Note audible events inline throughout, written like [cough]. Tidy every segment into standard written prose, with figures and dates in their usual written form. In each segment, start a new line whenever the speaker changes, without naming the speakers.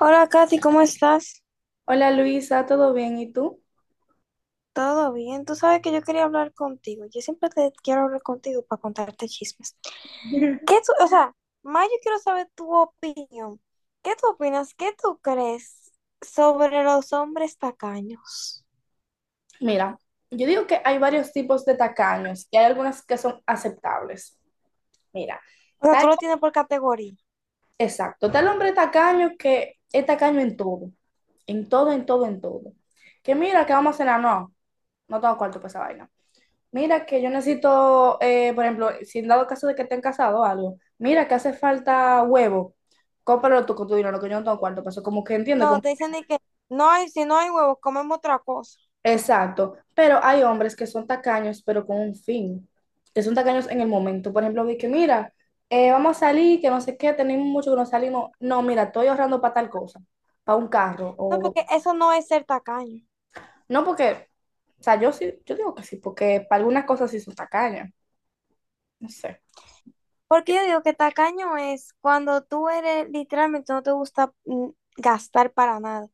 Hola, Katy, ¿cómo estás?
Hola Luisa, ¿todo bien? ¿Y tú?
¿Todo bien? Tú sabes que yo quería hablar contigo. Yo siempre te quiero hablar contigo para contarte chismes. ¿Qué
[laughs]
tú, o sea, más yo quiero saber tu opinión. ¿Qué tú opinas? ¿Qué tú crees sobre los hombres tacaños?
Mira, yo digo que hay varios tipos de tacaños y hay algunas que son aceptables. Mira,
O sea,
está-
tú lo tienes por categoría.
exacto, está el hombre tacaño que es tacaño en todo, en todo, en todo, en todo. Que mira, que vamos a cenar, no, no tengo cuarto para esa vaina. Mira, que yo necesito, por ejemplo, si en dado caso de que estén casados o algo, mira, que hace falta huevo, cómpralo tú con tu dinero, que yo no tengo cuarto para eso. Como que entiende.
No, te dicen de que no hay, si no hay huevos, comemos otra cosa.
Exacto, pero hay hombres que son tacaños, pero con un fin, que son tacaños en el momento. Por ejemplo, vi que mira, vamos a salir, que no sé qué, tenemos mucho que no salimos. No, mira, estoy ahorrando para tal cosa, para un carro,
No,
o
porque eso no es ser tacaño.
no porque, o sea, yo sí, yo digo que sí, porque para algunas cosas sí son tacañas, no sé.
Porque
Que-
yo digo que tacaño es cuando tú eres, literalmente no te gusta gastar para nada.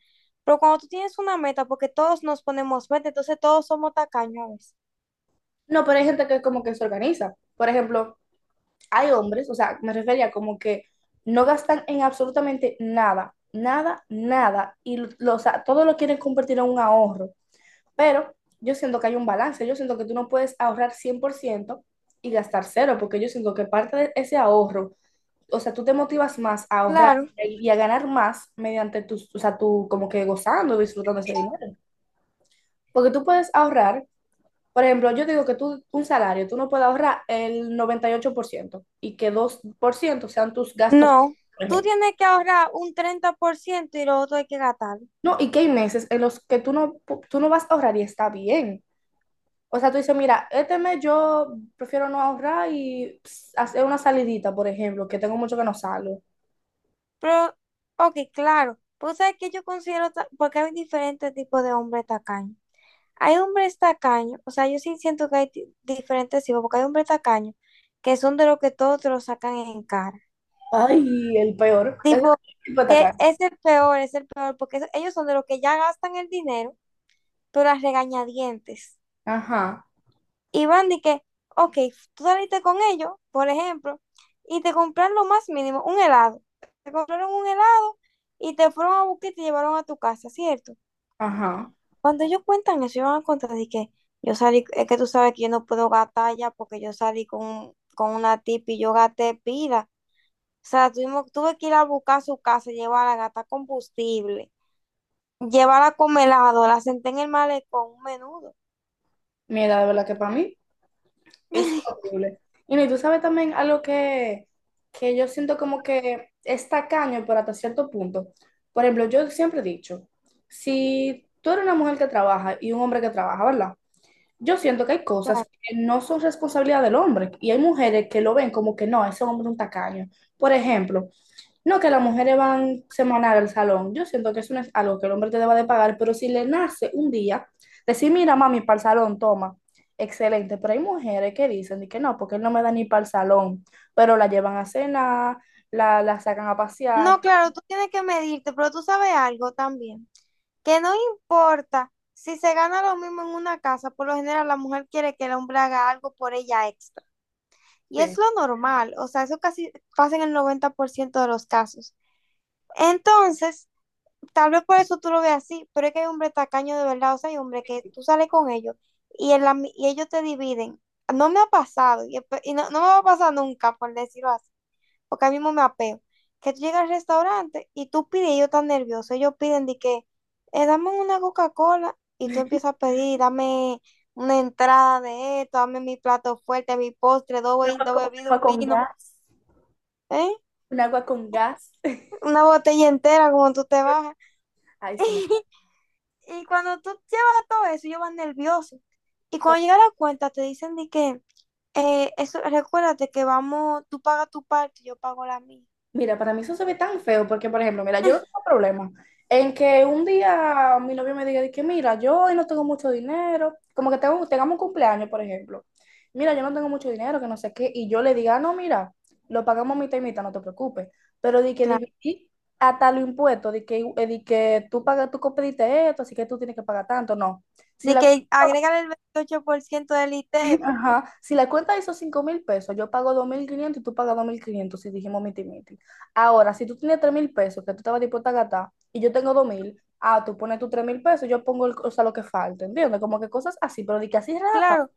Pero cuando tú tienes una meta, porque todos nos ponemos meta, entonces todos somos tacaños, a veces.
No, pero hay gente que como que se organiza. Por ejemplo, hay hombres, o sea, me refería como que no gastan en absolutamente nada, nada, nada, y o sea, todo lo quieren convertir en un ahorro. Pero yo siento que hay un balance, yo siento que tú no puedes ahorrar 100% y gastar cero, porque yo siento que parte de ese ahorro, o sea, tú te motivas más a ahorrar
Claro,
y a ganar más mediante tus, o sea, tú como que gozando, y disfrutando ese dinero. Porque tú puedes ahorrar, por ejemplo, yo digo que tú un salario, tú no puedes ahorrar el 98% y que 2% sean tus gastos,
no.
por
Tú
ejemplo.
tienes que ahorrar un 30% y lo otro hay que gastarlo.
No, y que hay meses en los que tú no vas a ahorrar y está bien. O sea, tú dices, mira, este mes yo prefiero no ahorrar y ps, hacer una salidita, por ejemplo, que tengo mucho que no salgo.
Pero, ok, claro. Pues sabes que yo considero, porque hay diferentes tipos de hombres tacaños. Hay hombres tacaños, o sea, yo sí siento que hay diferentes tipos, porque hay hombres tacaños que son de los que todos te lo sacan en cara.
Ay, el peor. Es el
Tipo,
tipo de
que
atacar.
es el peor, porque eso- ellos son de los que ya gastan el dinero, pero a regañadientes.
Ajá,
Y van de que, ok, tú saliste con ellos, por ejemplo, y te compraron lo más mínimo, un helado. Te compraron un helado y te fueron a buscar y te llevaron a tu casa, ¿cierto?
ajá.
Cuando ellos cuentan eso, ellos van a contar de que yo salí, es que tú sabes que yo no puedo gastar ya porque yo salí con una tipa y yo gasté pila. O sea, tuvimos, tuve que ir a buscar a su casa, llevarla, gastar combustible. Lleva la congelado, la senté en el malecón, un menudo.
Mira, de verdad que para mí es
[laughs]
horrible. Y no, y tú sabes también algo que yo siento como que es tacaño, pero hasta cierto punto. Por ejemplo, yo siempre he dicho, si tú eres una mujer que trabaja y un hombre que trabaja, ¿verdad? Yo siento que hay cosas
Claro.
que no son responsabilidad del hombre y hay mujeres que lo ven como que no, ese hombre es un tacaño. Por ejemplo, no que las mujeres van semanal al salón. Yo siento que eso no es algo que el hombre te deba de pagar, pero si le nace un día, decir, mira, mami, para el salón, toma. Excelente, pero hay mujeres que dicen de que no, porque él no me da ni para el salón, pero la llevan a cenar, la sacan a pasear.
No, claro, tú tienes que medirte, pero tú sabes algo también, que no importa si se gana lo mismo en una casa, por lo general la mujer quiere que el hombre haga algo por ella extra. Y es
Sí.
lo normal, o sea, eso casi pasa en el 90% de los casos. Entonces, tal vez por eso tú lo veas así, pero es que hay hombres tacaños de verdad, o sea, hay hombres que tú sales con ellos y, en la y ellos te dividen. No me ha pasado y, y no, no me va a pasar nunca, por decirlo así, porque a mí mismo me apeo. Que tú llegas al restaurante y tú pides, y ellos están nerviosos, ellos piden de que, dame una Coca-Cola y tú
[laughs]
empiezas a pedir, dame una entrada de esto, dame mi plato fuerte, mi postre, dos, dos
Un
bebidas,
agua
un
con
vino,
gas,
¿eh?
un agua con gas. [laughs]
Una botella entera como tú te bajas.
Ay, sí, me...
[laughs] Y cuando tú llevas todo eso, ellos van nerviosos. Y cuando llega la cuenta, te dicen de que, eso, recuérdate que vamos, tú pagas tu parte, yo pago la mía.
Mira, para mí eso se ve tan feo porque, por ejemplo, mira, yo no tengo problema en que un día mi novio me diga de que, mira, yo hoy no tengo mucho dinero, como que tengamos un cumpleaños, por ejemplo. Mira, yo no tengo mucho dinero, que no sé qué, y yo le diga, "Ah, no, mira, lo pagamos mitad y mitad, no te preocupes. Pero de que
Claro.
dividir hasta los impuestos, de que tú pagas, tú pediste esto, así que tú tienes que pagar tanto, no. Si
De
la
que agrégale el 28% del ITEVI.
Ajá, si la cuenta hizo 5.000 pesos, yo pago 2.500 y tú pagas 2.500 si dijimos miti miti. Ahora, si tú tienes 3.000 pesos que tú estabas dispuesta a gastar y yo tengo 2.000, ah, tú pones tus 3.000 pesos, yo pongo el- o sea, lo que falta, ¿entiendes? Como que cosas así, pero de que así rata,
Claro,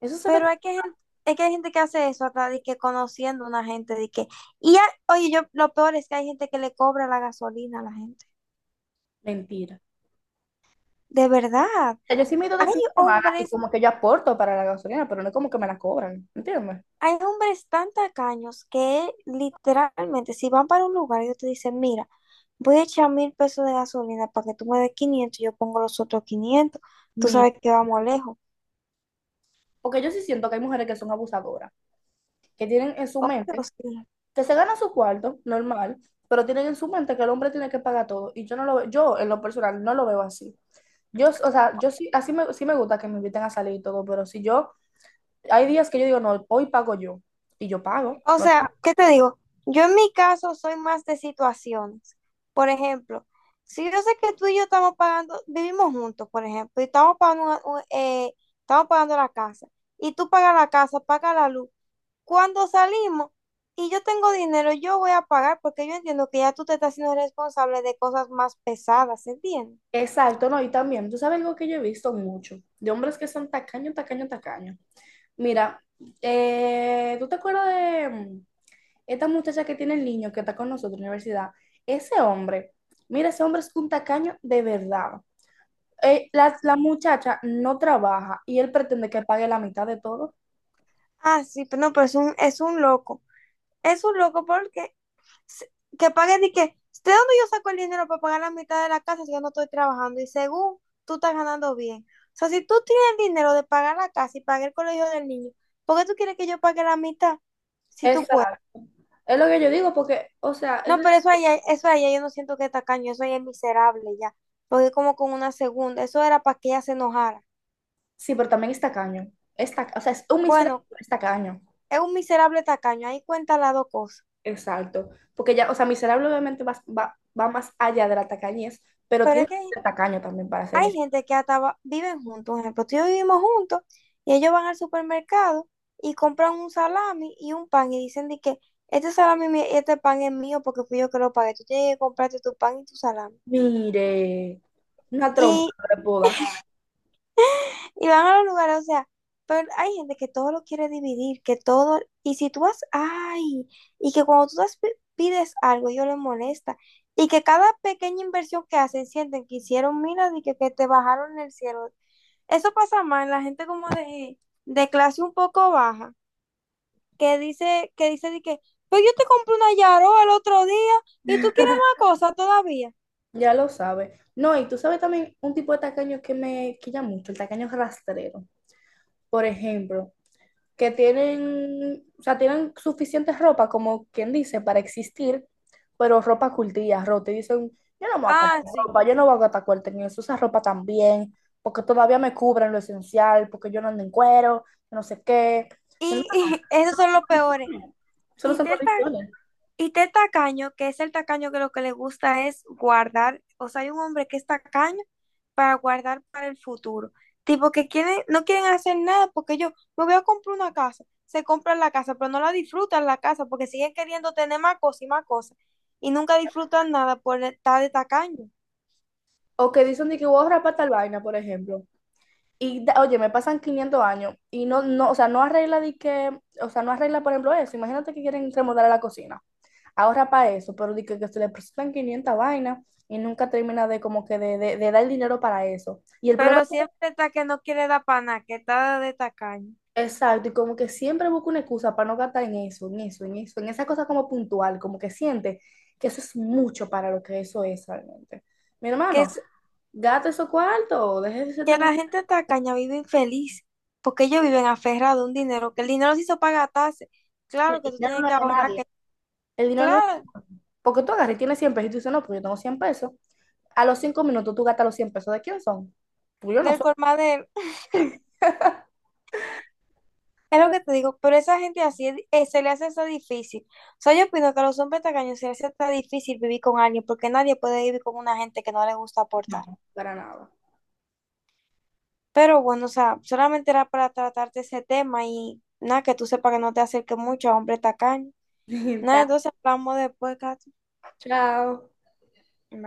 eso se ve
pero hay que, es que hay gente que hace eso, hasta de que conociendo a una gente, de que, oye, yo, lo peor es que hay gente que le cobra la gasolina a la gente.
mentira.
De verdad.
O sea, yo sí me he ido de
Hay
fin de semana y
hombres
como que yo aporto para la gasolina, pero no es como que me la cobran, ¿entiendes?
Hay hombres tan tacaños que literalmente, si van para un lugar, ellos te dicen, mira, voy a echar 1,000 pesos de gasolina para que tú me des 500, yo pongo los otros 500. Tú
Mi-
sabes que vamos lejos.
Porque yo sí siento que hay mujeres que son abusadoras, que tienen en su
Oh,
mente
Dios mío.
que se gana su cuarto, normal, pero tienen en su mente que el hombre tiene que pagar todo. Y yo no lo veo, yo en lo personal no lo veo así. Yo, o sea, yo sí, así me, sí me gusta que me inviten a salir y todo, pero si yo, hay días que yo digo, no, hoy pago yo, y yo pago,
O
no.
sea, ¿qué te digo? Yo en mi caso soy más de situaciones. Por ejemplo, si yo sé que tú y yo estamos pagando, vivimos juntos, por ejemplo, y estamos pagando, estamos pagando la casa, y tú pagas la casa, pagas la luz. Cuando salimos y yo tengo dinero, yo voy a pagar porque yo entiendo que ya tú te estás siendo responsable de cosas más pesadas, ¿entiendes?
Exacto, no, y también, tú sabes algo que yo he visto mucho, de hombres que son tacaños tacaños tacaños. Mira, ¿tú te acuerdas de esta muchacha que tiene el niño que está con nosotros en la universidad? Ese hombre, mira, ese hombre es un tacaño de verdad. La muchacha no trabaja y él pretende que pague la mitad de todo.
Ah, sí, pero no, pero es un loco. Es un loco porque que pague de que, ¿de dónde yo saco el dinero para pagar la mitad de la casa si yo no estoy trabajando? Y según tú estás ganando bien. O sea, si tú tienes el dinero de pagar la casa y pagar el colegio del niño, ¿por qué tú quieres que yo pague la mitad? Si tú puedes.
Exacto. Es lo que yo digo, porque, o sea,
No, pero eso allá yo no siento que es tacaño, eso allá es miserable ya. Porque es como con una segunda, eso era para que ella se enojara.
sí, pero también es tacaño. O sea, es un miserable,
Bueno,
pero es tacaño.
es un miserable tacaño, ahí cuenta las dos cosas.
Exacto. Porque ya, o sea, miserable obviamente va más allá de la tacañez, pero
Pero
tiene
es
que
que
ser tacaño también para ser
hay
miserable.
gente que hasta viven juntos. Por ejemplo, tú y yo vivimos juntos y ellos van al supermercado y compran un salami y un pan y dicen de que este salami, este pan es mío porque fui yo que lo pagué. Tú tienes que comprarte tu pan y tu salami.
Mire, una trompa
Y,
de boda,
y van a los lugares, o sea, pero hay gente que todo lo quiere dividir, que todo, y si tú vas, ay, y que cuando tú pides algo, ellos les molesta. Y que cada pequeña inversión que hacen sienten que hicieron, mira, de que te bajaron el cielo. Eso pasa más en la gente como de clase un poco baja, que dice de que, pues yo te compré una Yaro el otro día y tú quieres la cosa todavía.
ya lo sabe. No, y tú sabes también un tipo de tacaño que me quilla mucho, el tacaño rastrero. Por ejemplo, que tienen, o sea, tienen suficiente ropa, como quien dice, para existir, pero ropa cultilla, rota, y dicen, yo no me voy a
Ah,
comprar
sí.
ropa, yo no voy a gastar cuarto en eso, esa ropa también, porque todavía me cubren lo esencial, porque yo no ando en cuero, no sé qué.
Y, [laughs] esos son los peores.
Solo
Y
son
te están
condiciones.
Y este tacaño, que es el tacaño que lo que le gusta es guardar, o sea, hay un hombre que es tacaño para guardar para el futuro. Tipo que quieren, no quieren hacer nada porque ellos, me voy a comprar una casa, se compran la casa, pero no la disfrutan la casa porque siguen queriendo tener más cosas. Y nunca disfrutan nada por estar de tacaño.
O que dicen de que voy a rapar tal vaina, por ejemplo. Y oye, me pasan 500 años y no, no, o sea, no arregla de que, o sea, no arregla, por ejemplo, eso. Imagínate que quieren remodelar la cocina. Ahorra para eso, pero de que se le presentan 500 vainas y nunca termina de como que de dar el dinero para eso. Y el problema
Pero siempre está que no quiere dar para nada, que está de tacaño.
es exacto, y como que siempre busca una excusa para no gastar en eso, en eso, en eso, en esa cosa como puntual, como que siente que eso es mucho para lo que eso es realmente. Mi
Que
hermano, gasta esos cuartos, deje de ser
que
tan...
la gente tacaña vive infeliz, porque ellos viven aferrados a un dinero, que el dinero se hizo para gastarse.
El
Claro que tú
dinero
tienes
no es
que
de
ahorrar, que
nadie. El dinero no es...
claro,
Porque tú agarras y tienes 100 pesos y tú dices, no, pues yo tengo 100 pesos. A los 5 minutos tú gastas los 100 pesos. ¿De quién son? Pues yo no
del
soy.
colmadero. [laughs] Es lo que te digo, pero esa gente así se le hace hasta difícil. O sea, yo opino que a los hombres tacaños se les hace hasta difícil vivir con alguien, porque nadie puede vivir con una gente que no le gusta aportar.
Para nada.
Pero bueno, o sea, solamente era para tratarte ese tema y nada, que tú sepas que no te acerques mucho a hombres tacaños. Nada,
[laughs]
entonces hablamos después, Katy.
Chao.